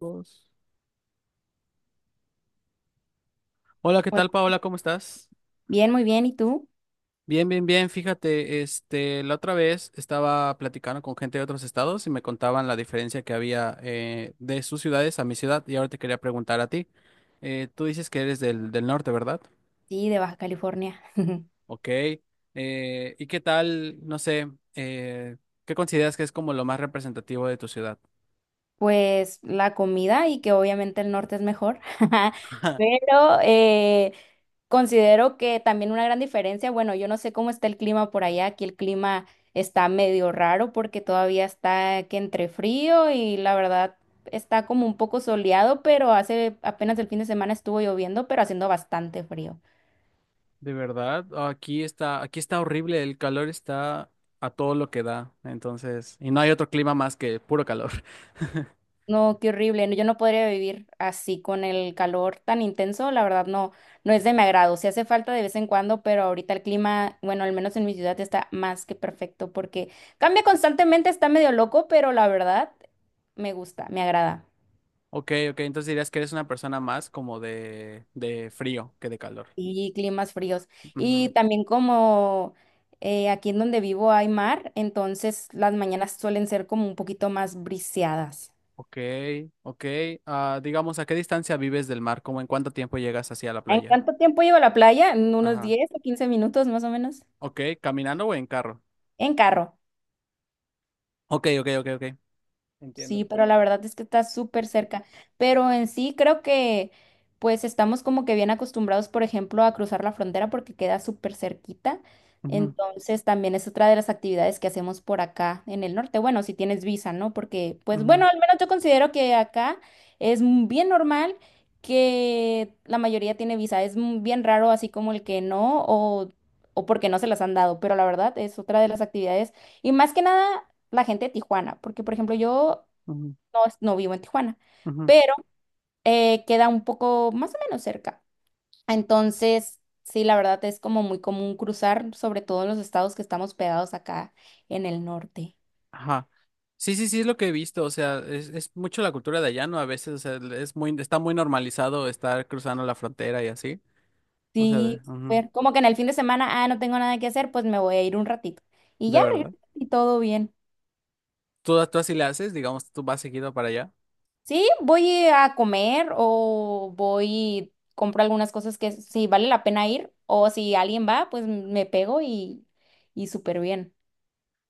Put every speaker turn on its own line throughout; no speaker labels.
Dos. Hola, ¿qué
Hola.
tal, Paola? ¿Cómo estás?
Bien, muy bien. ¿Y tú?
Bien, bien, bien. Fíjate, este, la otra vez estaba platicando con gente de otros estados y me contaban la diferencia que había de sus ciudades a mi ciudad. Y ahora te quería preguntar a ti. Tú dices que eres del norte, ¿verdad?
Sí, de Baja California.
Ok. ¿Y qué tal, no sé, eh, qué consideras que es como lo más representativo de tu ciudad?
Pues la comida y que obviamente el norte es mejor, pero considero que también una gran diferencia, bueno, yo no sé cómo está el clima por allá, aquí el clima está medio raro porque todavía está que entre frío y la verdad está como un poco soleado, pero hace apenas el fin de semana estuvo lloviendo, pero haciendo bastante frío.
De verdad, aquí está horrible, el calor está a todo lo que da, entonces, y no hay otro clima más que puro calor.
No, qué horrible. No, yo no podría vivir así con el calor tan intenso. La verdad, no, no es de mi agrado. Sí hace falta de vez en cuando, pero ahorita el clima, bueno, al menos en mi ciudad está más que perfecto porque cambia constantemente, está medio loco, pero la verdad me gusta, me agrada.
Ok, ok, entonces dirías que eres una persona más como de frío que de calor.
Y climas fríos. Y
Ujú.
también como aquí en donde vivo hay mar, entonces las mañanas suelen ser como un poquito más briseadas.
Ok, ok, ah, digamos, ¿a qué distancia vives del mar? ¿Cómo en cuánto tiempo llegas hacia la
¿En
playa?
cuánto tiempo llevo a la playa? En unos
Ajá.
10 o 15 minutos más o menos.
Ok, ¿caminando o en carro?
En carro.
Ok, ok, ok, ok.
Sí,
Entiendo.
pero la verdad es que está súper cerca. Pero en sí creo que pues estamos como que bien acostumbrados, por ejemplo, a cruzar la frontera porque queda súper cerquita.
Ujú,
Entonces también es otra de las actividades que hacemos por acá en el norte. Bueno, si tienes visa, ¿no? Porque pues
ujú,
bueno, al menos yo considero que acá es bien normal que la mayoría tiene visa. Es bien raro así como el que no o porque no se las han dado. Pero la verdad es otra de las actividades. Y más que nada la gente de Tijuana, porque por ejemplo yo
ujú,
no, no vivo en Tijuana,
ujú.
pero queda un poco más o menos cerca. Entonces, sí, la verdad es como muy común cruzar, sobre todo en los estados que estamos pegados acá en el norte.
Ajá. Sí, sí, sí, es lo que he visto, o sea, es mucho la cultura de allá, ¿no? A veces, o sea, es muy, está muy normalizado estar cruzando la frontera y así, o sea, de,
Sí,
ujú,
ver, como que en el fin de semana, ah, no tengo nada que hacer, pues me voy a ir un ratito. Y
de
ya regreso
verdad.
y todo bien.
¿Tú así le haces, digamos, tú vas seguido para allá?
Sí, voy a comer o voy, compro algunas cosas que sí vale la pena ir, o si alguien va, pues me pego y súper bien.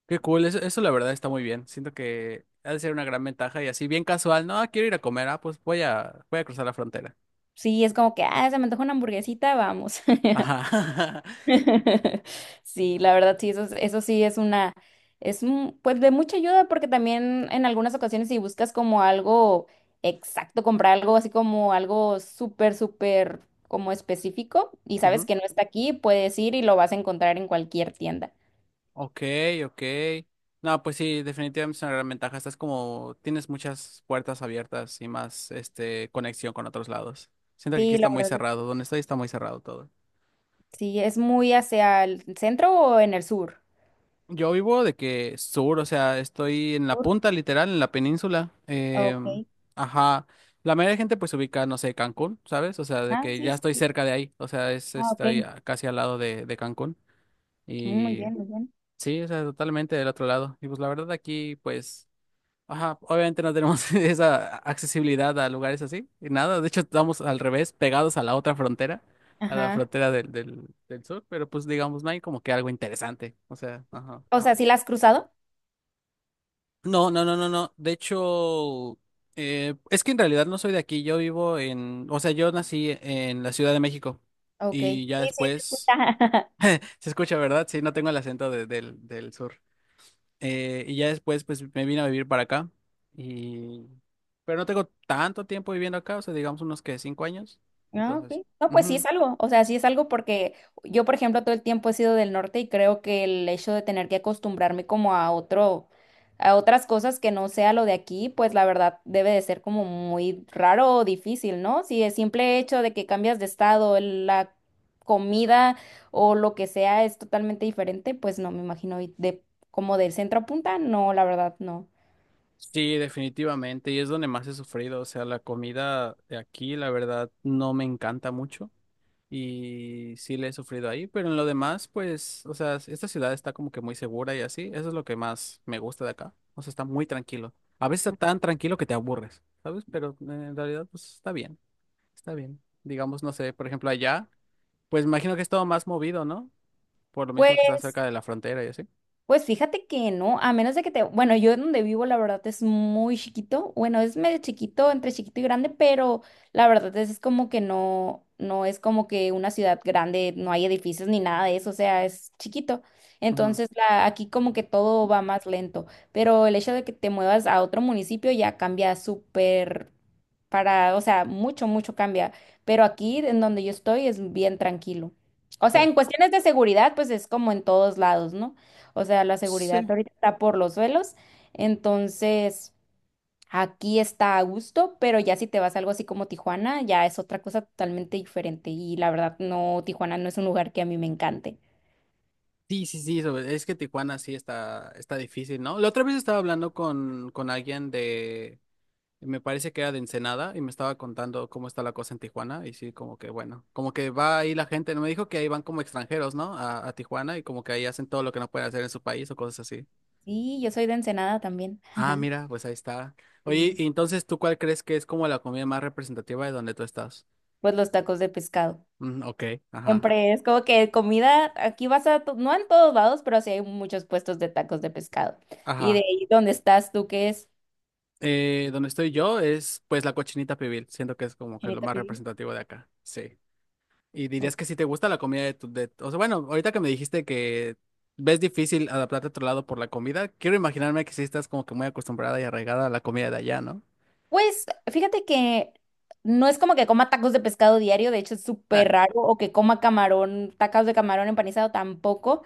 Qué cool, eso la verdad está muy bien, siento que ha de ser una gran ventaja y así, bien casual, no, ah, quiero ir a comer, ah, pues voy a, voy a cruzar la frontera.
Sí, es como que, ah, se me antoja una hamburguesita, vamos.
Ajá.
Sí, la verdad, sí, eso, eso sí es una, pues de mucha ayuda porque también en algunas ocasiones si buscas como algo exacto, comprar algo así como algo súper, súper como específico y sabes
Ujú.
que no está aquí, puedes ir y lo vas a encontrar en cualquier tienda.
Ok, ok. No, pues sí, definitivamente es una gran ventaja. Estás como, tienes muchas puertas abiertas y más, este, conexión con otros lados. Siento que aquí
Sí,
está
la
muy
verdad,
cerrado. Donde estoy está muy cerrado todo.
sí, es muy hacia el centro o en el sur.
Yo vivo de que sur, o sea, estoy en la
Sur,
punta, literal, en la península. Em,
ok.
ajá. La mayoría de gente pues se ubica, no sé, Cancún, ¿sabes? O sea, de
Ah,
que
sí,
ya
sí,
estoy
sí.
cerca de ahí. O sea, es,
Ah, ok.
estoy a- casi al lado de Cancún.
Mm, muy
Y
bien, muy bien.
sí, o sea, totalmente del otro lado. Y pues la verdad aquí, pues. Ajá, obviamente no tenemos esa accesibilidad a lugares así, y nada, de hecho estamos al revés, pegados a la otra frontera, a la
Ajá.
frontera del sur, pero pues digamos, no hay como que algo interesante, o sea, ajá.
O sea, ¿sí la has cruzado?
No, no, no, no, no, de hecho, es que en realidad no soy de aquí, yo vivo en, o sea, yo nací en la Ciudad de México,
Ok. Sí,
y ya
sí, se escucha.
después, se escucha, ¿verdad? Sí, no tengo el acento de- del sur. Y ya después, pues me vine a vivir para acá. Y... Pero no tengo tanto tiempo viviendo acá, o sea, digamos unos que 5 años.
Ah, ok.
Entonces,
No, pues sí
ujú.
es algo. O sea, sí es algo porque yo, por ejemplo, todo el tiempo he sido del norte y creo que el hecho de tener que acostumbrarme como a otro, a otras cosas que no sea lo de aquí, pues la verdad debe de ser como muy raro o difícil, ¿no? Si el simple hecho de que cambias de estado, la comida o lo que sea es totalmente diferente, pues no me imagino y de como del centro a punta, no, la verdad no.
Sí, definitivamente. Y es donde más he sufrido. O sea, la comida de aquí, la verdad, no me encanta mucho. Y sí le he sufrido ahí. Pero en lo demás, pues, o sea, esta ciudad está como que muy segura y así. Eso es lo que más me gusta de acá. O sea, está muy tranquilo. A veces está tan tranquilo que te aburres, ¿sabes? Pero en realidad, pues está bien. Está bien. Digamos, no sé, por ejemplo, allá, pues imagino que es todo más movido, ¿no? Por lo
Pues
mismo que está cerca de la frontera y así.
Pues fíjate que no, a menos de que te, bueno, yo donde vivo la verdad es muy chiquito, bueno, es medio chiquito, entre chiquito y grande, pero la verdad es como que no, no es como que una ciudad grande, no hay edificios ni nada de eso, o sea, es chiquito.
Ujú.
Entonces, la, aquí como que todo va más lento, pero el hecho de que te muevas a otro municipio ya cambia súper para, o sea, mucho, mucho cambia, pero aquí en donde yo estoy es bien tranquilo. O sea,
Oh,
en cuestiones de seguridad, pues es como en todos lados, ¿no? O sea, la seguridad
sí.
ahorita está por los suelos. Entonces, aquí está a gusto, pero ya si te vas a algo así como Tijuana, ya es otra cosa totalmente diferente. Y la verdad, no, Tijuana no es un lugar que a mí me encante.
Sí, sí, sí, sobre- es que Tijuana sí está, está difícil, ¿no? La otra vez estaba hablando con alguien de, me parece que era de Ensenada y me estaba contando cómo está la cosa en Tijuana y sí, como que bueno, como que va ahí la gente, no me dijo que ahí van como extranjeros, ¿no? A Tijuana y como que ahí hacen todo lo que no pueden hacer en su país o cosas así.
Sí, yo soy de Ensenada también.
Ah, mira, pues ahí está. Oye,
Sí.
y entonces, ¿tú cuál crees que es como la comida más representativa de donde tú estás?
Pues los tacos de pescado.
Mm, ok, ajá,
Siempre es como que comida, aquí vas a, no en todos lados, pero sí hay muchos puestos de tacos de pescado. ¿Y de
ajá.
ahí dónde estás tú? ¿Qué es?
Donde estoy yo es pues la cochinita pibil, siento que es como que lo
¿Genita
más
pibil?
representativo de acá, sí. Y dirías que si te gusta la comida de tu... De, o sea, bueno, ahorita que me dijiste que ves difícil adaptarte a otro lado por la comida, quiero imaginarme que sí estás como que muy acostumbrada y arraigada a la comida de allá, ¿no?
Pues fíjate que no es como que coma tacos de pescado diario, de hecho es súper
Ah,
raro, o que coma camarón, tacos de camarón empanizado tampoco,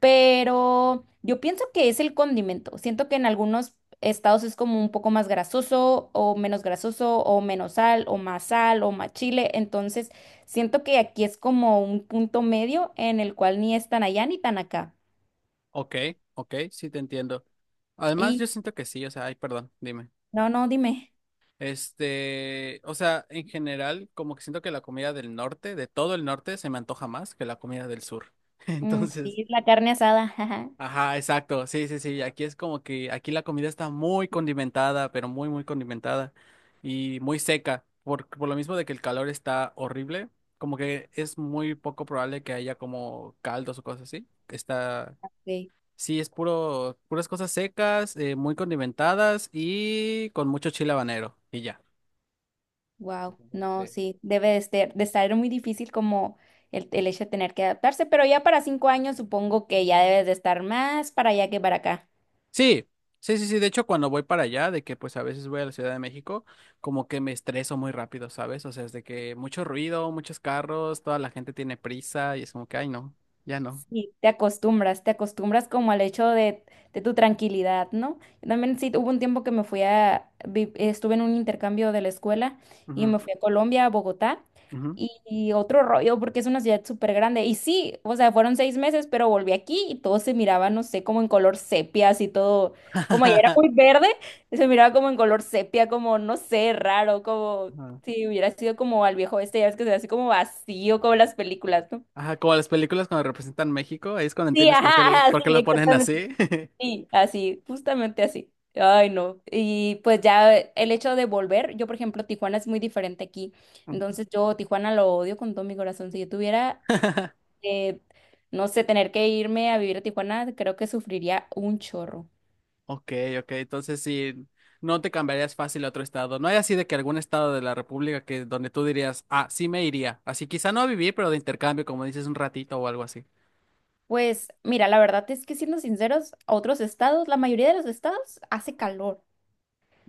pero yo pienso que es el condimento. Siento que en algunos estados es como un poco más grasoso o menos sal o más chile, entonces siento que aquí es como un punto medio en el cual ni es tan allá ni tan acá.
ok, ok, sí te entiendo. Además,
Y
yo siento que sí, o sea, ay, perdón, dime.
no, no, dime.
Este, o sea, en general, como que siento que la comida del norte, de todo el norte, se me antoja más que la comida del sur.
Mm,
Entonces,
sí, la carne asada, ajá.
ajá, exacto. Sí, sí, sí. Aquí es como que aquí la comida está muy condimentada, pero muy condimentada y muy seca. Por lo mismo de que el calor está horrible, como que es muy poco probable que haya como caldos o cosas así. Está,
Sí.
sí, es puro, puras cosas secas, muy condimentadas y con mucho chile habanero y ya.
Wow,
Entonces,
no,
sí.
sí, debe de ser, de estar muy difícil como el hecho de tener que adaptarse, pero ya para 5 años supongo que ya debes de estar más para allá que para acá.
Sí, sí, sí, sí. De hecho, cuando voy para allá, de que pues a veces voy a la Ciudad de México, como que me estreso muy rápido, ¿sabes? O sea, es de que mucho ruido, muchos carros, toda la gente tiene prisa y es como que, ay, no, ya no.
Sí, te acostumbras como al hecho de tu tranquilidad, ¿no? Yo también sí, hubo un tiempo que me fui a, estuve en un intercambio de la escuela y
Ujú,
me fui a Colombia, a Bogotá,
ujú.
y otro rollo porque es una ciudad súper grande. Y sí, o sea, fueron 6 meses, pero volví aquí y todo se miraba, no sé, como en color sepia, así todo, como ya era muy verde, se miraba como en color sepia, como, no sé, raro, como
Ajá,
si hubiera sido como al viejo este, ya ves que se ve así como vacío, como las películas, ¿no?
ajá, como las películas cuando representan México, ahí es cuando
Sí,
entiendes
ajá, ajá,
por qué
sí,
lo ponen
exactamente.
así.
Sí, así, justamente así. Ay, no. Y pues ya el hecho de volver, yo por ejemplo, Tijuana es muy diferente aquí.
Ujú.
Entonces yo Tijuana lo odio con todo mi corazón. Si yo tuviera, eh, no sé, tener que irme a vivir a Tijuana, creo que sufriría un chorro.
Ok, ok, entonces sí, no te cambiarías fácil a otro estado. No hay así de que algún estado de la República que donde tú dirías, ah, sí me iría. Así quizá no a vivir, pero de intercambio, como dices, un ratito o algo así.
Pues mira, la verdad es que siendo sinceros, a otros estados, la mayoría de los estados hace calor.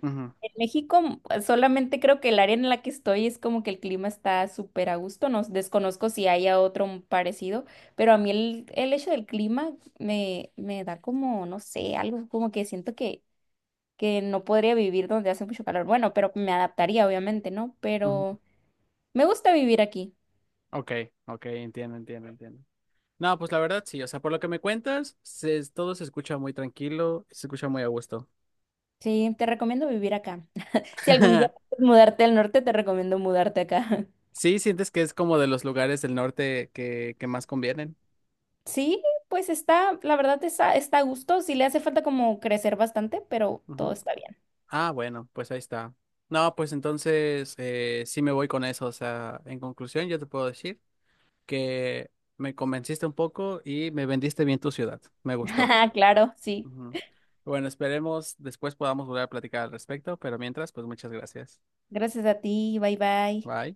Ujú,
México, pues, solamente creo que el área en la que estoy es como que el clima está súper a gusto. No desconozco si haya otro parecido, pero a mí el hecho del clima me da como, no sé, algo como que siento que no podría vivir donde hace mucho calor. Bueno, pero me adaptaría, obviamente, ¿no?
ujú.
Pero me gusta vivir aquí.
Ok, ok, entiendo, entiendo, entiendo. No, pues la verdad sí, o sea, por lo que me cuentas, se- todo se escucha muy tranquilo, se escucha muy a gusto.
Sí, te recomiendo vivir acá. Si algún día quieres mudarte al norte, te recomiendo mudarte acá.
Sí, sientes que es como de los lugares del norte que más convienen.
Sí, pues está, la verdad está a gusto. Sí le hace falta como crecer bastante, pero todo está bien.
Ah, bueno, pues ahí está. No, pues entonces sí me voy con eso. O sea, en conclusión, yo te puedo decir que me convenciste un poco y me vendiste bien tu ciudad. Me gustó.
Claro, sí.
Ujú. Bueno, esperemos después podamos volver a platicar al respecto, pero mientras, pues muchas gracias.
Gracias a ti. Bye bye.
Bye.